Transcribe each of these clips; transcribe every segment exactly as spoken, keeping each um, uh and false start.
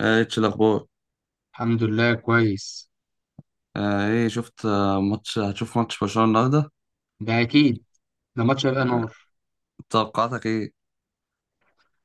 آه، اتش الاخبار. الحمد لله كويس. آه، ايه، شفت آه، ماتش هتشوف ماتش برشلونة النهارده؟ ده اكيد. ده ماتش هيبقى نار. توقعاتك ايه؟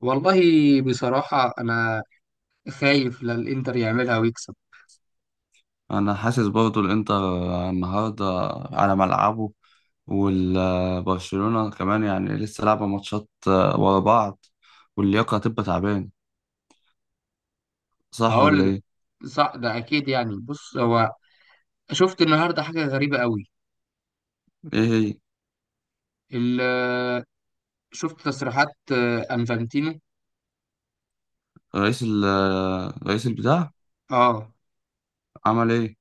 والله، بصراحة انا خايف لا الانتر يعملها ويكسب. انا حاسس برضو الانتر آه، النهارده على ملعبه، والبرشلونة كمان يعني لسه لعبة ماتشات آه، ورا بعض، واللياقة هتبقى تعبان، صح ولا هقول لك، ايه؟ صح ده اكيد. يعني بص، هو شفت النهاردة حاجة غريبة قوي. ايه هي؟ ال- شفت تصريحات آه، انفانتينو. رئيس ال آه، رئيس البتاع، اه. عمل ايه؟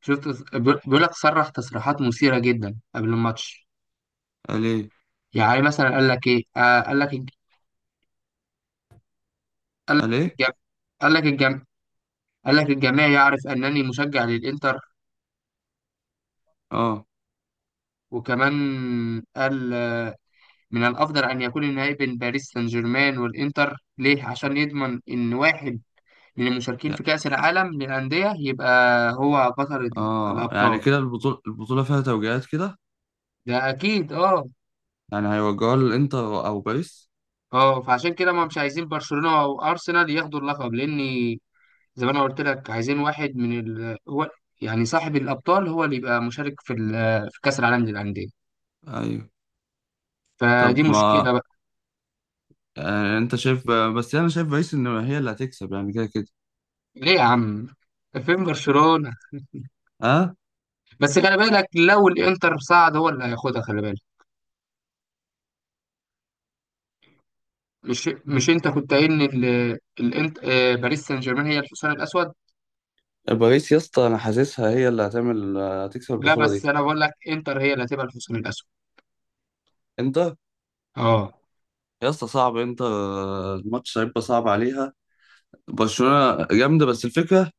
شفت، بيقول بيقول لك، صرح تصريحات مثيرة جدا قبل الماتش. قال ايه؟ يعني مثلا قال لك ايه، آه قال لك الج- قال قال لك ايه؟ الجم... قال لك الجم... قال لك الجميع يعرف انني مشجع للانتر. اه، وكمان قال، من الأفضل أن يكون النهائي بين باريس سان جيرمان والإنتر. ليه؟ عشان يضمن إن واحد من المشاركين يع- في كأس العالم للأندية يبقى هو بطل ال- اه يعني الأبطال. كده البطولة البطولة فيها توجيهات كده، ده أكيد أه. يعني هيوجهوها للانتر او باريس. أه، فعشان كده ما مش عايزين برشلونة أو أرسنال ياخدوا اللقب، لأن زي ما أنا قلت لك، عايزين واحد من ال... هو يعني صاحب الأبطال هو اللي يبقى مشارك في ال... في كأس العالم للأندية. ايوه. طب فدي ما، مشكلة بقى. آه، انت شايف، بس انا شايف باريس ان هي اللي هتكسب يعني كده كده. ليه يا عم؟ فين برشلونة؟ اه. بس خلي بالك، لو الإنتر صعد هو اللي هياخدها، خلي بالك. مش مش انت كنت قايل ان ال... الانت... آه، باريس سان جيرمان هي الحصان الاسود؟ باريس يا اسطى، انا حاسسها هي اللي هتعمل هتكسب لا، البطوله بس دي. انا بقول لك، انتر هي اللي هتبقى الحصان الاسود. انتر. اه. يا اسطى صعب، انتر آه، الماتش هيبقى صعب عليها، برشلونه جامده، بس الفكره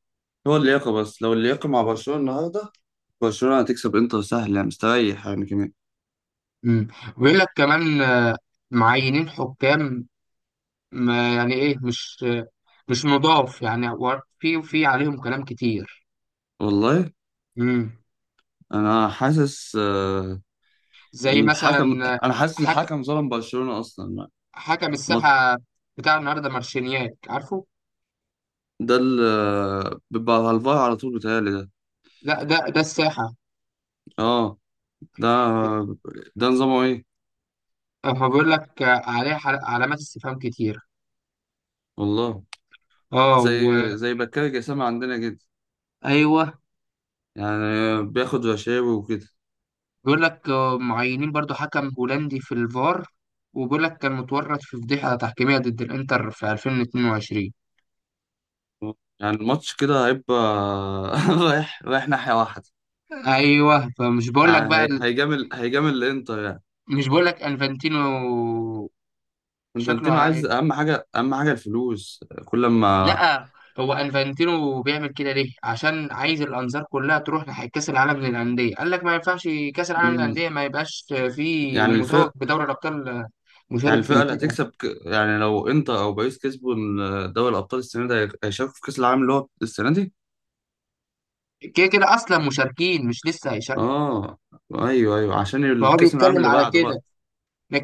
هو اللياقه، بس لو اللياقه مع برشلونه النهارده برشلونه هتكسب، انتر سهل يعني مستريح يعني كمان. امم. ويقول لك كمان آه، معينين حكام، ما يعني ايه مش آه، مش نضاف يعني، و- في في عليهم كلام كتير. والله، امم. انا حاسس. آه، زي الحكم مثلا آه، انا حاسس حك... الحكم ظلم برشلونه اصلا. ما- حكم ما- الساحه بتاع النهارده مارشينياك، عارفه. ده اللي بيبقى على الفار على طول بيتهيألي ده. لا، ده ده الساحه. اه. ده بت... ده نظامه ايه؟ آه، بيقول لك آه، عليه حل- علامات استفهام كتير. والله، اه زي و... زي بكار جسام عندنا كده، ايوه، يعني بياخد رشاوي وكده. بيقول لك آه، معينين برضو حكم هولندي في الفار، وبيقول لك كان متورط في فضيحة تحكيمية ضد الإنتر في ألفين واثنين وعشرين. يعني الماتش كده هيبقى رايح رايح ناحية واحدة، أيوه. فمش بقول لك يعني بقى هي- ال- هيجامل هيجامل الانتر يعني. مش بقول لك أنفانتينو شكله انفانتينو ع- عايز اهم حاجة، اهم حاجة الفلوس كل ما... لا، هو أنفانتينو بيعمل كده ليه؟ عشان عايز الأنظار كلها تروح ناحية كأس العالم للأندية. قال لك ما ينفعش كأس العالم مم. للأندية ما يبقاش فيه يعني المتوج الفرق بدوري الأبطال يعني مشارك الفرقة فيه. اللي كده هتكسب ك... يعني لو انتر او باريس كسبوا ال- دوري الابطال السنة دي هي- هيشاركوا في كأس العالم اللي هو السنة دي. كده كده أصلا مشاركين، مش لسه هيشاركوا. اه، ايوه ايوه عشان فهو الكأس العالم بيتكلم اللي على بعده بقى، كده،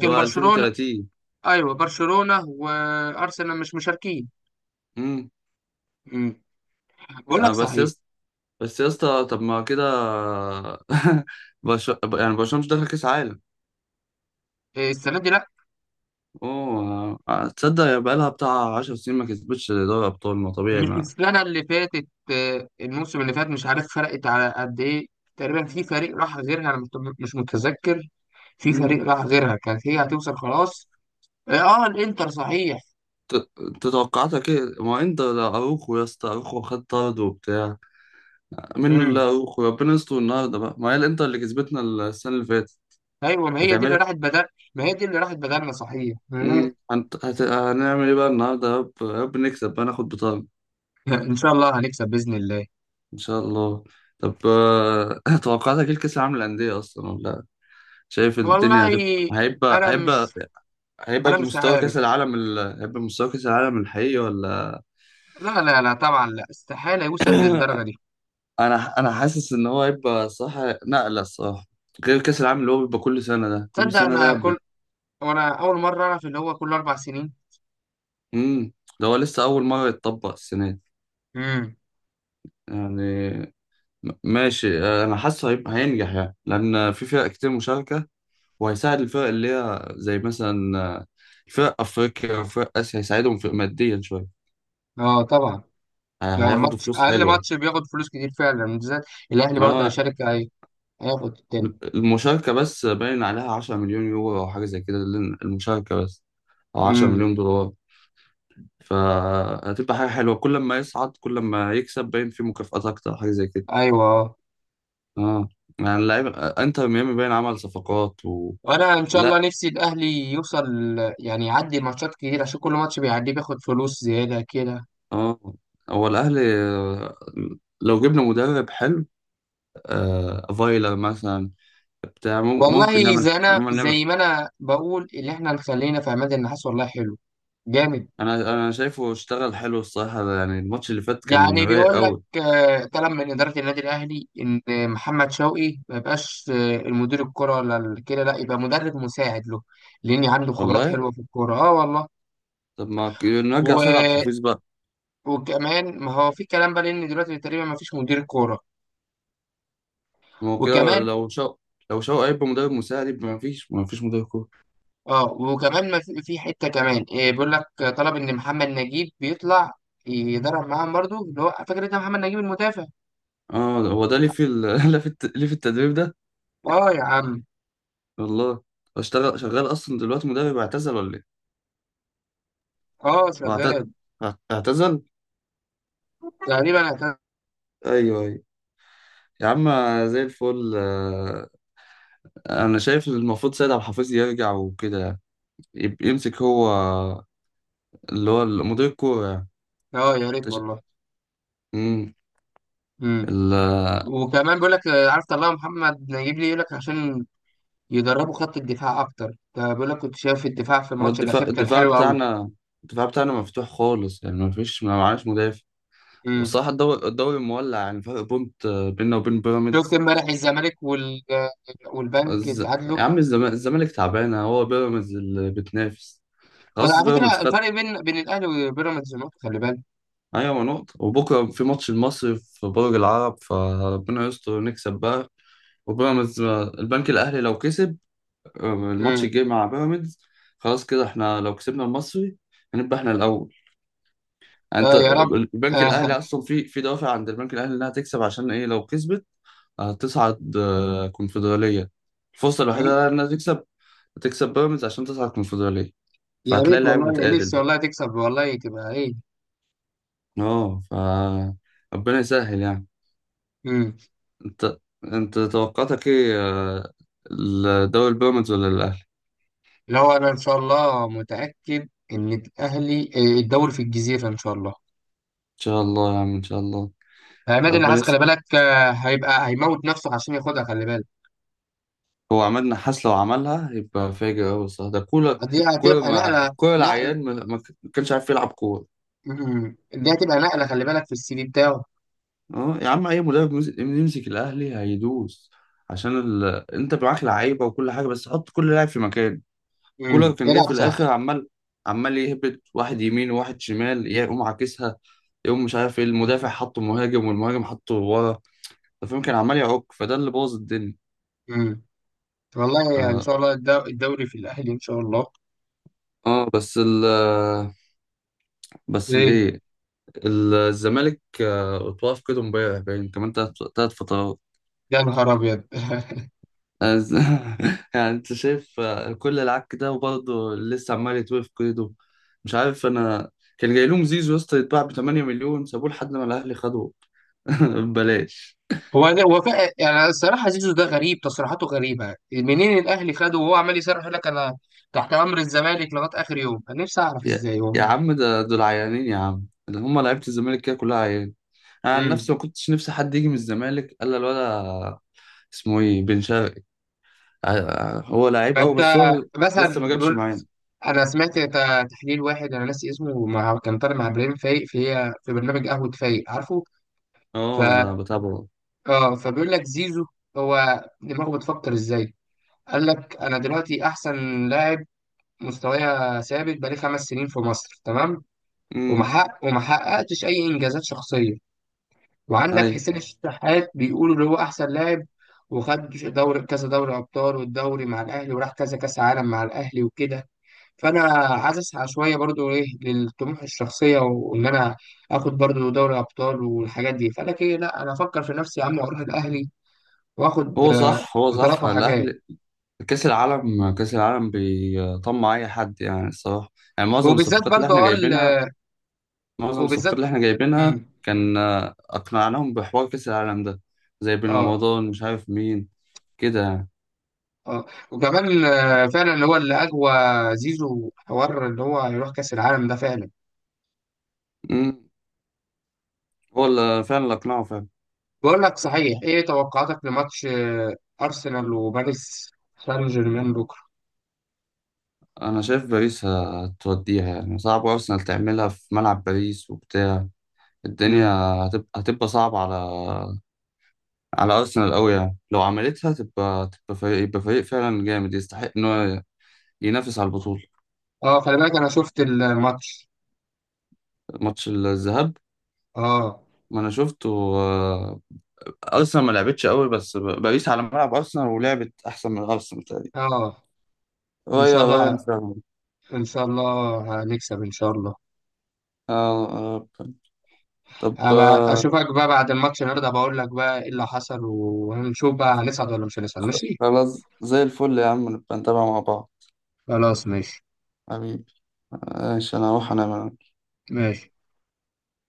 اللي هو برشلونة... ألفين وثلاثين. ايوه، برشلونه وارسنال مش مشاركين. امم. امم. بقول لك يعني بس يا صحيح، اسطى، بس يا اسطى طب ما كده برش... يعني برشلونة مش داخل كأس عالم. آه، السنه دي لا. اوه، آه، آه، تصدق يا، بقالها بتاع 10 سنين ما كسبتش دوري ابطال، ما طبيعي مش ما. السنه اللي فاتت آه، الموسم اللي فات، مش عارف فرقت على قد ايه، تقريبا في فريق راح غيرها. انا مت- مش متذكر. في فريق امم. راح غيرها، كانت هي هتوصل خلاص. اه آه، الانتر صحيح. انت توقعاتك ايه؟ ما انت ده اروخو يا اسطى، اروخو خد طرد وبتاع منه، اللي امم. اروخو ربنا يستر النهارده بقى، ما هي الانتر اللي كسبتنا السنة اللي فاتت ايوه، ما هي دي اللي هتعملها. راحت بدل. ما هي دي اللي راحت بدلنا صحيح. امم، مم. هنت... هت... هنعمل ايه بقى النهارده؟ يا رب يا رب نكسب بقى ناخد بطاقة. ان شاء الله هنكسب باذن الله. ان شاء الله. طب آه، توقعاتك ايه لكاس العالم للانديه اصلا، ولا شايف والله، الدنيا هتبقى؟ هيبقى انا هيبقى مش هيبقى انا مش بمستوى كاس عارف. العالم ال... هيبقى بمستوى كاس العالم الحقيقي ولا؟ لا لا لا، طبعا لا، استحاله يوصل للدرجه دي. انا انا حاسس ان هو هيبقى صح. نقله الصراحه، غير كاس العالم اللي هو بيبقى كل سنه ده، كل تصدق سنه ده انا ب... كل، وانا اول مره اعرف ان هو كل اربع سنين. امم. ده هو لسه اول مره يتطبق السنه دي. امم. يعني، م- ماشي، آه، انا حاسه هيبقى هينجح يعني لان في فرق كتير مشاركه، وهيساعد الفرق اللي هي زي مثلا آه، الفرق أفريقيا وفرق آسيا، هيساعدهم في ماديا شوية. اه طبعا. آه، ده هياخدوا ماتش فلوس اقل حلوة. ماتش بياخد فلوس كتير فعلا، بالذات الاهلي ما برضه هو هيشارك، هي- هياخد التاني. المشاركة بس باين عليها عشرة مليون يورو مليون يورو أو حاجة زي كده، لل- المشاركة بس، أو امم. عشرة مليون دولار مليون دولار. فهتبقى حاجة حلوة، كل ما يصعد كل ما يكسب باين في مكافآت أكتر، حاجة زي كده. ايوه اه. اه. يعني اللعيبة آه، انتر ميامي باين عمل صفقات و... وانا ان شاء الله لا. نفسي الاهلي يوصل، يعني يعدي ماتشات كتير عشان كل ماتش بيعديه بياخد فلوس زياده كده. اه، هو الأهلي، آه، لو جبنا مدرب حلو، آه فايلر مثلا بتاع مم- ممكن والله زي نعمل انا ممكن نعمل. زي ما انا بقول، اللي احنا خلينا في عماد النحاس والله حلو جامد. انا انا شايفه اشتغل حلو الصراحه، يعني الماتش اللي فات كان يعني رايق بيقول لك قوي. آه، كلام من إدارة النادي الأهلي، إن محمد شوقي ما يبقاش آه، المدير الكرة ولا ال- كده، لا يبقى مدرب مساعد له، لأن عنده خبرات والله، حلوة في الكورة أه والله. طب ما ك- نرجع و... سيد عبد الحفيظ بقى. وكمان ما هو في كلام بقى، لأن دلوقتي تقريبا ما فيش مدير كورة. ما هو كده وكمان لو شو لو شو هيبقى مدرب مساعد، يبقى ما فيش ما فيش مدرب كوره. أه، وكمان ما في، في حتة كمان آه، بيقول لك آه، طلب إن محمد نجيب بيطلع يدرب معاهم برضه، اللي هو فاكر أنت محمد نجيب المدافع. اه. هو ده ليه في ال... ليه في الت... ليه في التدريب ده؟ أه يا عم. والله، اشتغل شغال اصلا دلوقتي مدرب، اعتزل ولا ايه؟ أه هو اعت- شغال اعت- اعتزل. تقريبا. ايوه ايوه. يا عم زي الفل. آه، انا شايف المفروض سيد عبد الحفيظ يرجع وكده، يب- يمسك هو اللي هو مدير الكورة يعني. أه يا ريت تش- والله. مم. مم. ال- وكمان بيقول لك آه، عارف طلع محمد نجيب لي، يقول لك عشان يدربوا خط الدفاع اكتر، فبيقول لك كنت شايف الدفاع في هو الماتش الدفاع الاخير كان الدفاع حلو قوي. بتاعنا، الدفاع بتاعنا مفتوح خالص يعني ما فيش ما معناش مدافع. امم. والصراحة الدوري الدوري مولع، يعني فرق بونت بيننا وبين شفت بيراميدز. امبارح الزمالك وال... آه، والبنك الز... اتعادلوا. يا عم الزما- الزمالك تعبانة، هو بيراميدز اللي بتنافس. خلاص وعلى فكره بيراميدز خد. الفرق بين بين الاهلي وبيراميدز نقطه، خلي بالك. أيوة، ما نقطة، وبكرة في ماتش المصري في برج العرب، فربنا يستر نكسب بقى. وبيراميدز، البنك الأهلي لو كسب الماتش امم. الجاي مع بيراميدز، خلاص كده احنا لو كسبنا المصري هنبقى احنا الاول. يعني اه انت يا رب. البنك الاهلي آه. اصلا في في دوافع عند البنك الاهلي انها تكسب عشان ايه؟ لو كسبت هتصعد آه، كونفدراليه، الفرصه الوحيده انها تكسب تكسب بيراميدز عشان تصعد كونفدراليه، يا فهتلاقي ريت اللعيبه والله. متقاتل نفسي بقى. والله تكسب والله تبقى ايه. اه، ف ربنا يسهل يعني. امم. انت انت توقعاتك ايه؟ آه، الدوري البيراميدز ولا الاهلي؟ اللي هو انا ان شاء الله متاكد ان الاهلي آه، الدوري في الجزيره ان شاء الله. ان شاء الله يا عم ان شاء الله. عماد النحاس ربنا. خلي بالك آه، هيبقى هيموت نفسه عشان ياخدها، خلي بالك. هو عماد نحاس لو عملها يبقى فاجر أوي الصراحة، ده كولر. دي كولر هتبقى ما نقلة. كولر نقل. العيان ما ما كانش عارف يلعب كورة. مم. دي هتبقى نقلة خلي بالك في السي في بتاعه. اه يا عم، أي مدرب يمس- يمسك الأهلي هيدوس، عشان ال... أنت معاك لعيبة وكل حاجة، بس حط كل لاعب في مكان. كولر مم. كان جاي يلعب في الآخر صح. عمال عمال يهبط واحد يمين وواحد شمال، يقوم عاكسها، يقوم مش عارف ايه المدافع حطه مهاجم والمهاجم حطه ورا، أنت فاهم كان عمال يعك، فده اللي بوظ الدنيا. مم. والله يعني ان اه، شاء الله الدو- الدوري في الاهلي ان شاء الله. آه بس ال بس ليه؟ الايه، الزمالك آه، اتوقف كده امبارح باين كمان تلات تلات فترات. يا نهار ابيض. عايز- يعني انت شايف آه، كل العك ده وبرضه لسه عمال يتوقف كده، مش عارف انا. كان جاي لهم زيزو يا اسطى يتباع ب 8 مليون، سابوه لحد ما الاهلي خدوه ببلاش. هو ده- هو فا- يعني الصراحه زيزو ده غريب تصريحاته غريبه. منين الاهلي خده وهو عمال يصرح يقول لك، انا تحت امر الزمالك لغايه اخر يوم. انا نفسي اعرف يا, ازاي هو. يا عم، ده دول عيانين يا عم، اللي هم لعيبه الزمالك كده كلها عيان. انا عن مم. نفسي ما كنتش نفسي حد يجي من الزمالك الا الولا، اسمه ايه، بن شرقي. ع- ع- هو لعيب قوي فانت بس هو لسه ما مثلا جابش بقول- معانا. انا سمعت ت- تحليل واحد انا ناسي اسمه، مع كان طالع مع ابراهيم فايق في في برنامج قهوه فايق، عارفه. ف اه ده بتابعه. اه فبيقول لك زيزو هو دماغه بتفكر ازاي. قال لك انا دلوقتي احسن لاعب، مستوايا ثابت بقالي خمس سنين في مصر تمام. امم. ومحقق ومحققتش اي انجازات شخصيه. وعندك ايوه. حسين الشحات بيقولوا اللي هو احسن لاعب، وخد دوري كذا، دوري ابطال والدوري مع الاهلي، وراح كذا كاس عالم مع الاهلي وكده. فانا عايز اسعى شويه برضو ايه للطموح الشخصيه، وان انا اخد برضو دوري ابطال والحاجات دي. فانا كده لا، انا افكر في نفسي يا عم واروح الاهلي واخد هو آه، صح هو بطولات صح وحاجات. الاهلي، كاس العالم كاس العالم بيطمع اي حد يعني الصراحه. يعني معظم وبالذات الصفقات اللي برضو احنا اه جايبينها ال- معظم الصفقات وبالذات اللي احنا جايبينها مم، كان آه، اقنعناهم بحوار كاس العالم ده، زي بن اه رمضان مش عارف مين كده يعني. اه وكمان آه، فعلا اللي هو اللي اقوى، زيزو حوار اللي هو يروح كاس العالم ده فعلا. امم. هو اللي فعلا اللي اقنعه فعلا. بقول لك صحيح، ايه توقعاتك لماتش آه، ارسنال وباريس سان جيرمان بكره؟ انا شايف باريس هتوديها يعني صعب ارسنال تعملها في ملعب باريس وبتاع الدنيا، مم. هتبقى هتبقى صعبه على على ارسنال قوي، يعني لو عملتها تبقى تبقى فريق يبقى فريق فعلا جامد يستحق ان هو ينافس على البطوله. اه خلي بالك انا شفت الماتش. ماتش الذهاب اه. ما انا شفته. آه، ارسنال ما لعبتش قوي بس ب- باريس على ملعب ارسنال، ولعبت احسن من ارسنال تقريبا، اه ان شاء رايا رايا الله. فعلا. ان شاء الله هنكسب ان شاء الله. اه. آه، طب، ابقى آه، اشوفك بقى بعد الماتش النهارده، بقول لك بقى ايه اللي حصل، وهنشوف بقى هنصعد ولا مش هنصعد ماشي. خلاص زي الفل يا عم، نبقى نتابع مع بعض، خلاص ماشي. حبيبي ماشي، انا هروح انام أنا. ماشي.